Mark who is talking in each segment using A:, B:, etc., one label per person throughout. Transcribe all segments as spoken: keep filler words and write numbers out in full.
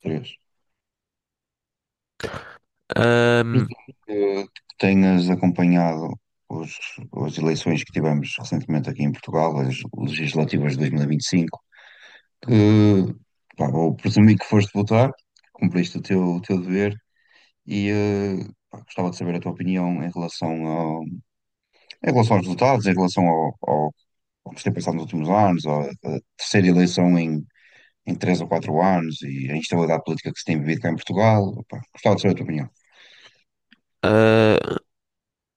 A: Três.
B: Ahm,
A: Presumo que que tenhas acompanhado os, as eleições que tivemos recentemente aqui em Portugal, as legislativas de dois mil e vinte e cinco, que, pá, vou presumir que foste votar, cumpriste o teu, o teu dever e eh, pá, gostava de saber a tua opinião em relação ao, em relação aos resultados, em relação ao, ao, ao que se tem passado nos últimos anos, à, à terceira eleição em, em três ou quatro anos e a instabilidade política que se tem vivido cá em Portugal. Opa, gostava de saber a tua opinião.
B: ah,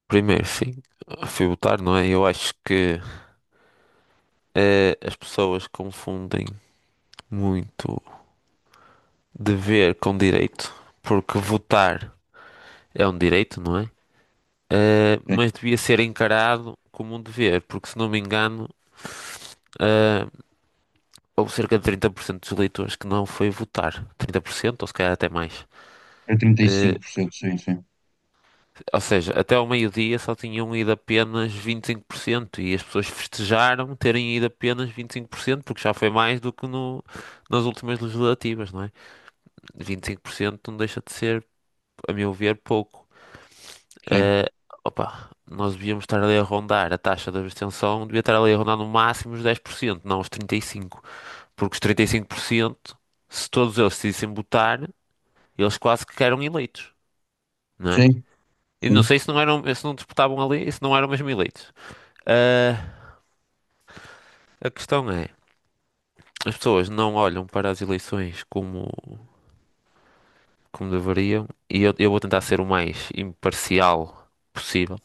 B: Primeiro, sim, fui votar, não é? Eu acho que eh, as pessoas confundem muito dever com direito, porque votar é um direito, não é? Eh,
A: Sim.
B: mas devia ser encarado como um dever, porque se não me engano, ah, houve cerca de trinta por cento dos eleitores que não foi votar. Trinta por cento ou se calhar até mais.
A: É trinta e
B: Ah,
A: cinco por cento, sim, sim.
B: Ou seja, até ao meio-dia só tinham ido apenas vinte e cinco por cento e cinco por cento e as pessoas festejaram terem ido apenas vinte e cinco por cento, porque já foi mais do que no, nas últimas legislativas, não é? vinte e cinco por cento não deixa de ser, a meu ver, pouco.
A: Sim,
B: Eh, Opa, nós devíamos estar ali a rondar a taxa de abstenção, devia estar ali a rondar no máximo os dez por cento, não os trinta e cinco por cento, porque os trinta e cinco por cento, se todos eles decidissem votar, eles quase que eram eleitos, não é?
A: sim,
B: E não
A: sim.
B: sei se não eram, se não disputavam ali, se não eram mesmo eleitos. Ah, a questão é, as pessoas não olham para as eleições como, como deveriam, e eu, eu vou tentar ser o mais imparcial possível.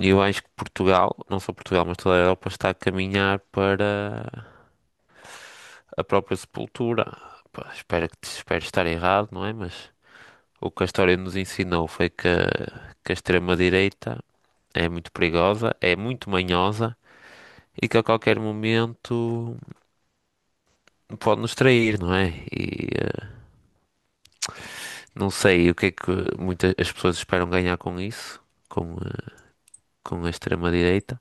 B: E eu acho que Portugal, não só Portugal, mas toda a Europa está a caminhar para a própria sepultura. Pá, espero que espero estar errado, não é? Mas o que a história nos ensinou foi que, que a extrema-direita é muito perigosa, é muito manhosa e que a qualquer momento pode nos trair, não é? E não sei o que é que muitas as pessoas esperam ganhar com isso, com, eh, com a extrema-direita,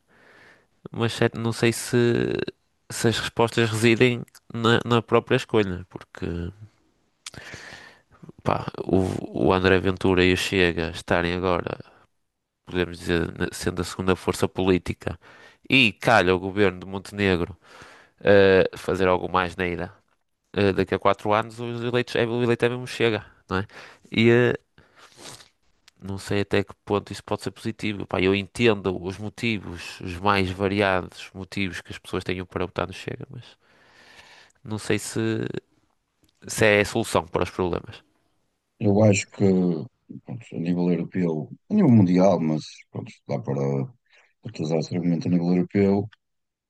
B: mas certo, não sei se, se as respostas residem na, na própria escolha, porque pá, o, o André Ventura e o Chega estarem agora, podemos dizer, na- sendo a segunda força política, e calha o governo de Montenegro eh, fazer algo mais neira, eh, daqui a quatro anos os eleitos, é, o eleito é mesmo Chega, não é? Não sei até que ponto isso pode ser positivo. Pá, eu entendo os motivos, os mais variados motivos que as pessoas tenham para votar no Chega, mas não sei se, se é a solução para os problemas.
A: Eu acho que, pronto, a nível europeu, a nível mundial, mas pronto, dá para utilizar esse argumento a nível europeu.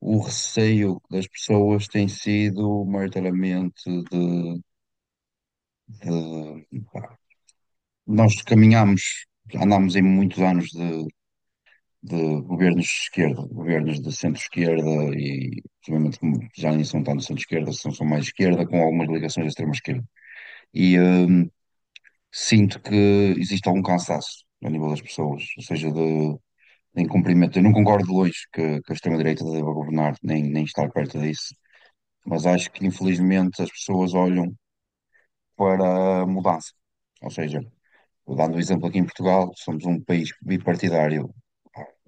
A: O receio das pessoas tem sido maioritariamente de, de- pá, nós caminhamos, andámos em muitos anos de, de governos de esquerda, governos de centro-esquerda e obviamente como já nem são tanto centro-esquerda, são, são mais esquerda, com algumas ligações à extrema-esquerda. E hum, sinto que existe algum cansaço a nível das pessoas, ou seja, de, de incumprimento. Eu não concordo de longe que, que a extrema-direita deva governar, nem, nem estar perto disso, mas acho que infelizmente as pessoas olham para a mudança. Ou seja, dando um exemplo aqui em Portugal, somos um país bipartidário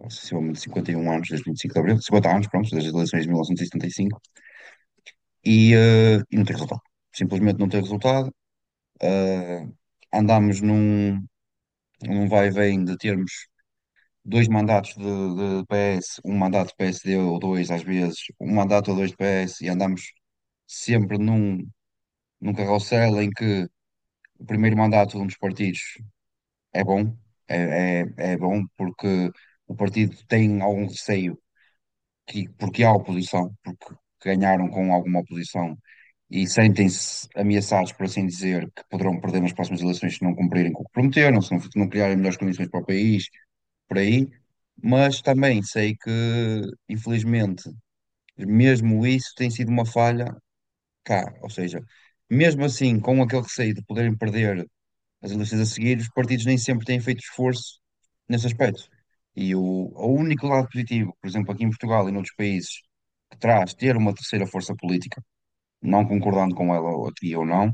A: há sucessivamente cinquenta e um anos, desde vinte e cinco de Abril, cinquenta anos, pronto, desde as eleições de mil novecentos e setenta e cinco, e, setenta e cinco, e, eh, e não tem resultado. Simplesmente não tem resultado. Eh, Andamos num, num vai e vem de termos dois mandatos de, de P S, um mandato de P S D ou dois, às vezes, um mandato ou dois de P S, e andamos sempre num, num carrossel em que o primeiro mandato de um dos partidos é bom, é, é, é bom porque o partido tem algum receio que, porque há oposição, porque ganharam com alguma oposição e sentem-se ameaçados, por assim dizer, que poderão perder nas próximas eleições se não cumprirem com o que prometeram, se não, não criarem melhores condições para o país, por aí. Mas também sei que, infelizmente, mesmo isso tem sido uma falha cá. Ou seja, mesmo assim, com aquele receio de poderem perder as eleições a seguir, os partidos nem sempre têm feito esforço nesse aspecto. E o, o único lado positivo, por exemplo, aqui em Portugal e noutros países, que traz ter uma terceira força política, não concordando com ela, ou- aqui ou não,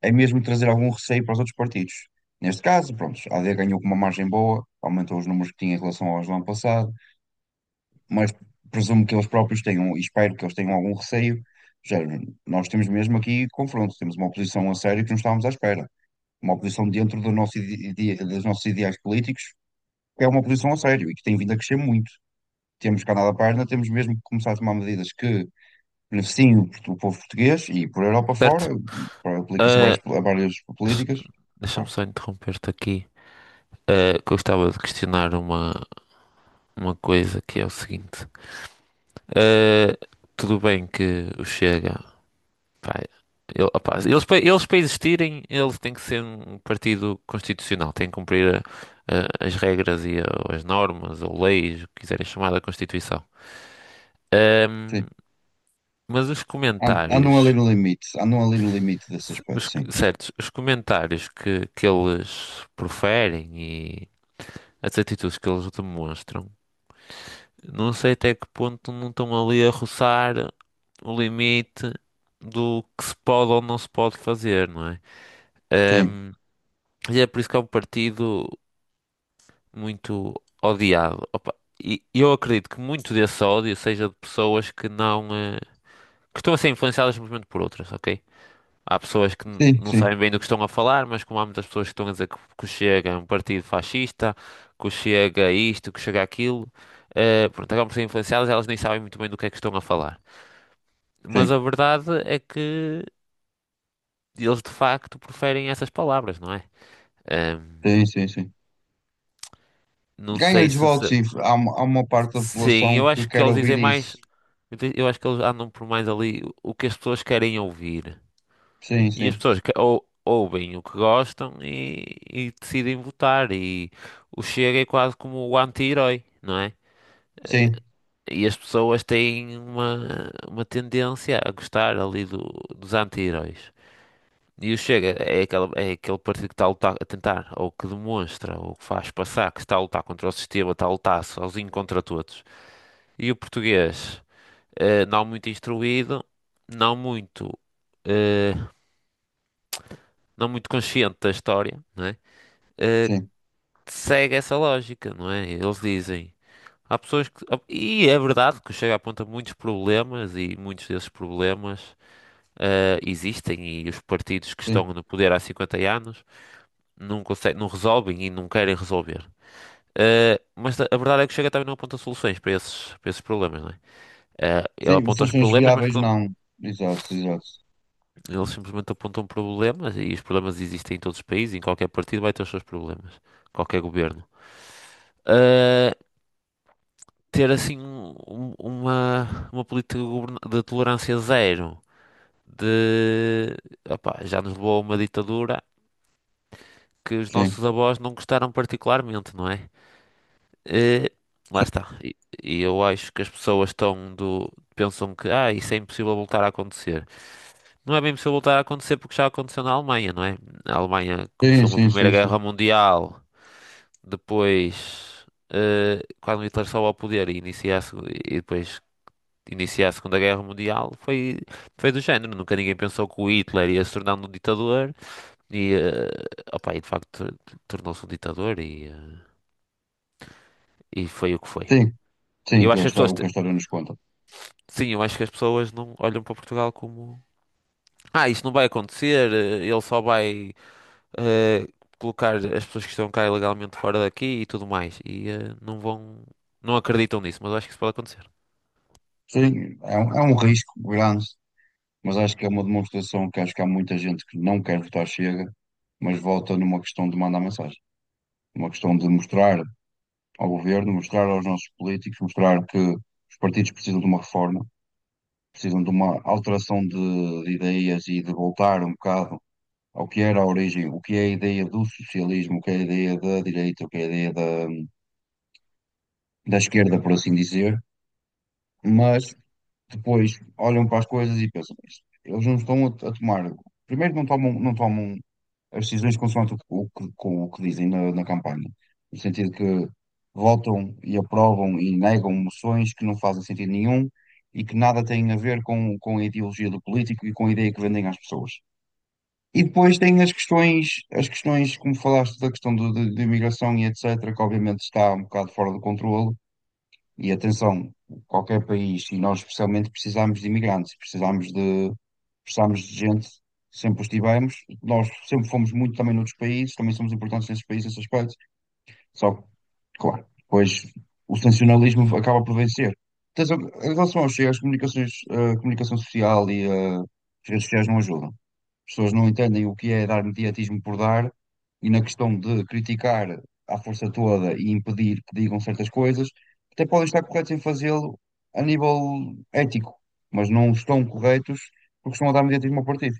A: é mesmo trazer algum receio para os outros partidos. Neste caso, pronto, a AD ganhou com uma margem boa, aumentou os números que tinha em relação aos do ano passado, mas presumo que eles próprios tenham, e espero que eles tenham algum receio. Já, nós temos mesmo aqui confronto, temos uma oposição a sério que não estávamos à espera, uma oposição dentro do nosso ide- ide- dos nossos ideais políticos, que é uma oposição a sério e que tem vindo a crescer muito. Temos que andar da página, temos mesmo que começar a tomar medidas que beneficiem o, portu- o povo português e por Europa fora,
B: Certo?
A: para- aplica-se a
B: Ah,
A: várias, a várias
B: s-
A: políticas.
B: Deixa-me
A: Pá,
B: só interromper-te aqui. Ah, que eu estava de questionar uma, uma coisa que é o seguinte. Ah, Tudo bem que o Chega, pá, ele- opá, eles, pa- eles para existirem, eles têm que ser um partido constitucional, têm que cumprir eh, as regras e eh, as normas ou leis, o que quiserem chamar da Constituição.
A: sim.
B: Ahm, mas os
A: An- Andam
B: comentários,
A: ali no limite, andam ali no limite desse
B: se-
A: aspecto,
B: os,
A: sim.
B: certos, os comentários que, que eles proferem e as atitudes que eles demonstram, não sei até que ponto não estão ali a roçar o limite do que se pode ou não se pode fazer, não é?
A: Sim,
B: E é por isso que é um partido muito odiado. Opa, e e eu acredito que muito desse ódio seja de pessoas que não, eh, que estão a ser influenciadas simplesmente por outras, ok? Há pessoas que n-
A: sim,
B: não
A: sim,
B: sabem bem do que estão a falar, mas como há muitas pessoas que estão a dizer que, que o Chega é um partido fascista, que o Chega é isto, que o Chega é aquilo, eh, pronto, acabam por ser influenciadas, elas nem sabem muito bem do que é que estão a falar. Mas
A: sim,
B: a verdade é que eles de facto preferem essas palavras, não é? Ahm,
A: sim, sim, sim.
B: não
A: Ganhas
B: sei
A: de
B: se,
A: votos,
B: se-
A: sim. Há, uma- há uma parte da
B: Sim,
A: população
B: eu
A: que
B: acho que
A: quer
B: eles
A: ouvir
B: dizem mais.
A: isso.
B: Eu di- eu acho que eles andam por mais ali o que as pessoas querem ouvir.
A: Sim,
B: E as
A: sim,
B: pessoas que- ou- ouvem o que gostam e, e decidem votar. E o Chega é quase como o anti-herói, não é?
A: sim,
B: E as pessoas têm uma, uma tendência a gostar ali do- dos anti-heróis. E o Chega é aquela, é aquele partido que está a lutar, a tentar, ou que demonstra, ou que faz passar que está a lutar contra o sistema, está a lutar sozinho contra todos. E o português, eh, não muito instruído, não muito, eh, não muito consciente da história, não é? Eh,
A: sim,
B: Segue essa lógica, não é? Eles dizem. Há pessoas que. E é verdade que o Chega aponta muitos problemas e muitos desses problemas eh, existem e os partidos que estão
A: sim.
B: no poder há cinquenta anos não conseguem, não resolvem e não querem resolver. Eh, mas a a verdade é que o Chega também não aponta soluções para esses, para esses problemas, não é? Eh, ele
A: Sim,
B: aponta os
A: soluções
B: problemas, mas
A: viáveis não. Exato, exato.
B: eles simplesmente apontam problemas e os problemas existem em todos os países, em qualquer partido vai ter os seus problemas, qualquer governo. Ah, Ter assim um- um- uma, uma política de governa- de tolerância zero, de opá, já nos levou a uma ditadura que os
A: Sim,
B: nossos avós não gostaram particularmente, não é? Eh, Lá está. E, e eu acho que as pessoas estão do, pensam que ah, isso é impossível voltar a acontecer. Não é bem possível voltar a acontecer porque já aconteceu na Alemanha, não é? A Alemanha
A: sim,
B: começou uma
A: sim,
B: Primeira
A: sim, sim.
B: Guerra Mundial, depois, eh, quando Hitler sobe ao poder e inicia a, segu- e depois inicia a Segunda Guerra Mundial, foi, foi do género. Nunca ninguém pensou que o Hitler ia se tornar um ditador e, eh, opa, e de facto tor- tornou-se um ditador e, eh, e foi o que foi.
A: Sim, sim,
B: E eu
A: que é
B: acho
A: o
B: que as
A: histó-
B: pessoas,
A: o
B: te-
A: que a história nos conta.
B: sim, eu acho que as pessoas não olham para Portugal como, ah, isto não vai acontecer, eh, ele só vai. eh, colocar as pessoas que estão cá ilegalmente fora daqui e tudo mais. E eh, não vão, não acreditam nisso, mas eu acho que isso pode acontecer.
A: Sim, é um, é um risco grande, mas acho que é uma demonstração que acho que há muita gente que não quer votar Chega, mas volta numa questão de mandar mensagem, uma questão de mostrar ao governo, mostrar aos nossos políticos, mostrar que os partidos precisam de uma reforma, precisam de uma alteração de, de ideias e de voltar um bocado ao que era a origem, o que é a ideia do socialismo, o que é a ideia da direita, o que é a ideia da, da esquerda, por assim dizer, mas depois olham para as coisas e pensam, "Mas eles não estão a, a tomar, primeiro não tomam, não tomam as decisões consoante o, que- o que, com o que dizem na, na campanha, no sentido que votam e aprovam e negam moções que não fazem sentido nenhum e que nada têm a ver com, com a ideologia do político e com a ideia que vendem às pessoas." E depois tem as questões, as questões, como falaste, da questão do- de, de imigração e et cetera, que obviamente está um bocado fora do controle. E atenção, qualquer país, e nós especialmente precisamos de imigrantes, precisamos de, precisamos de gente, sempre os tivemos. Nós sempre fomos muito também noutros países, também somos importantes nesses países, nesse aspecto. Só que, claro, depois o sensacionalismo acaba por vencer. Tens al- Em relação ao Chega, as comunicações, a comunicação social e eh, as redes sociais não ajudam. As pessoas não entendem o que é dar mediatismo por dar e na questão de criticar à força toda e impedir que digam certas coisas, até podem estar corretos em fazê-lo a nível ético, mas não estão corretos porque estão a dar mediatismo ao partido.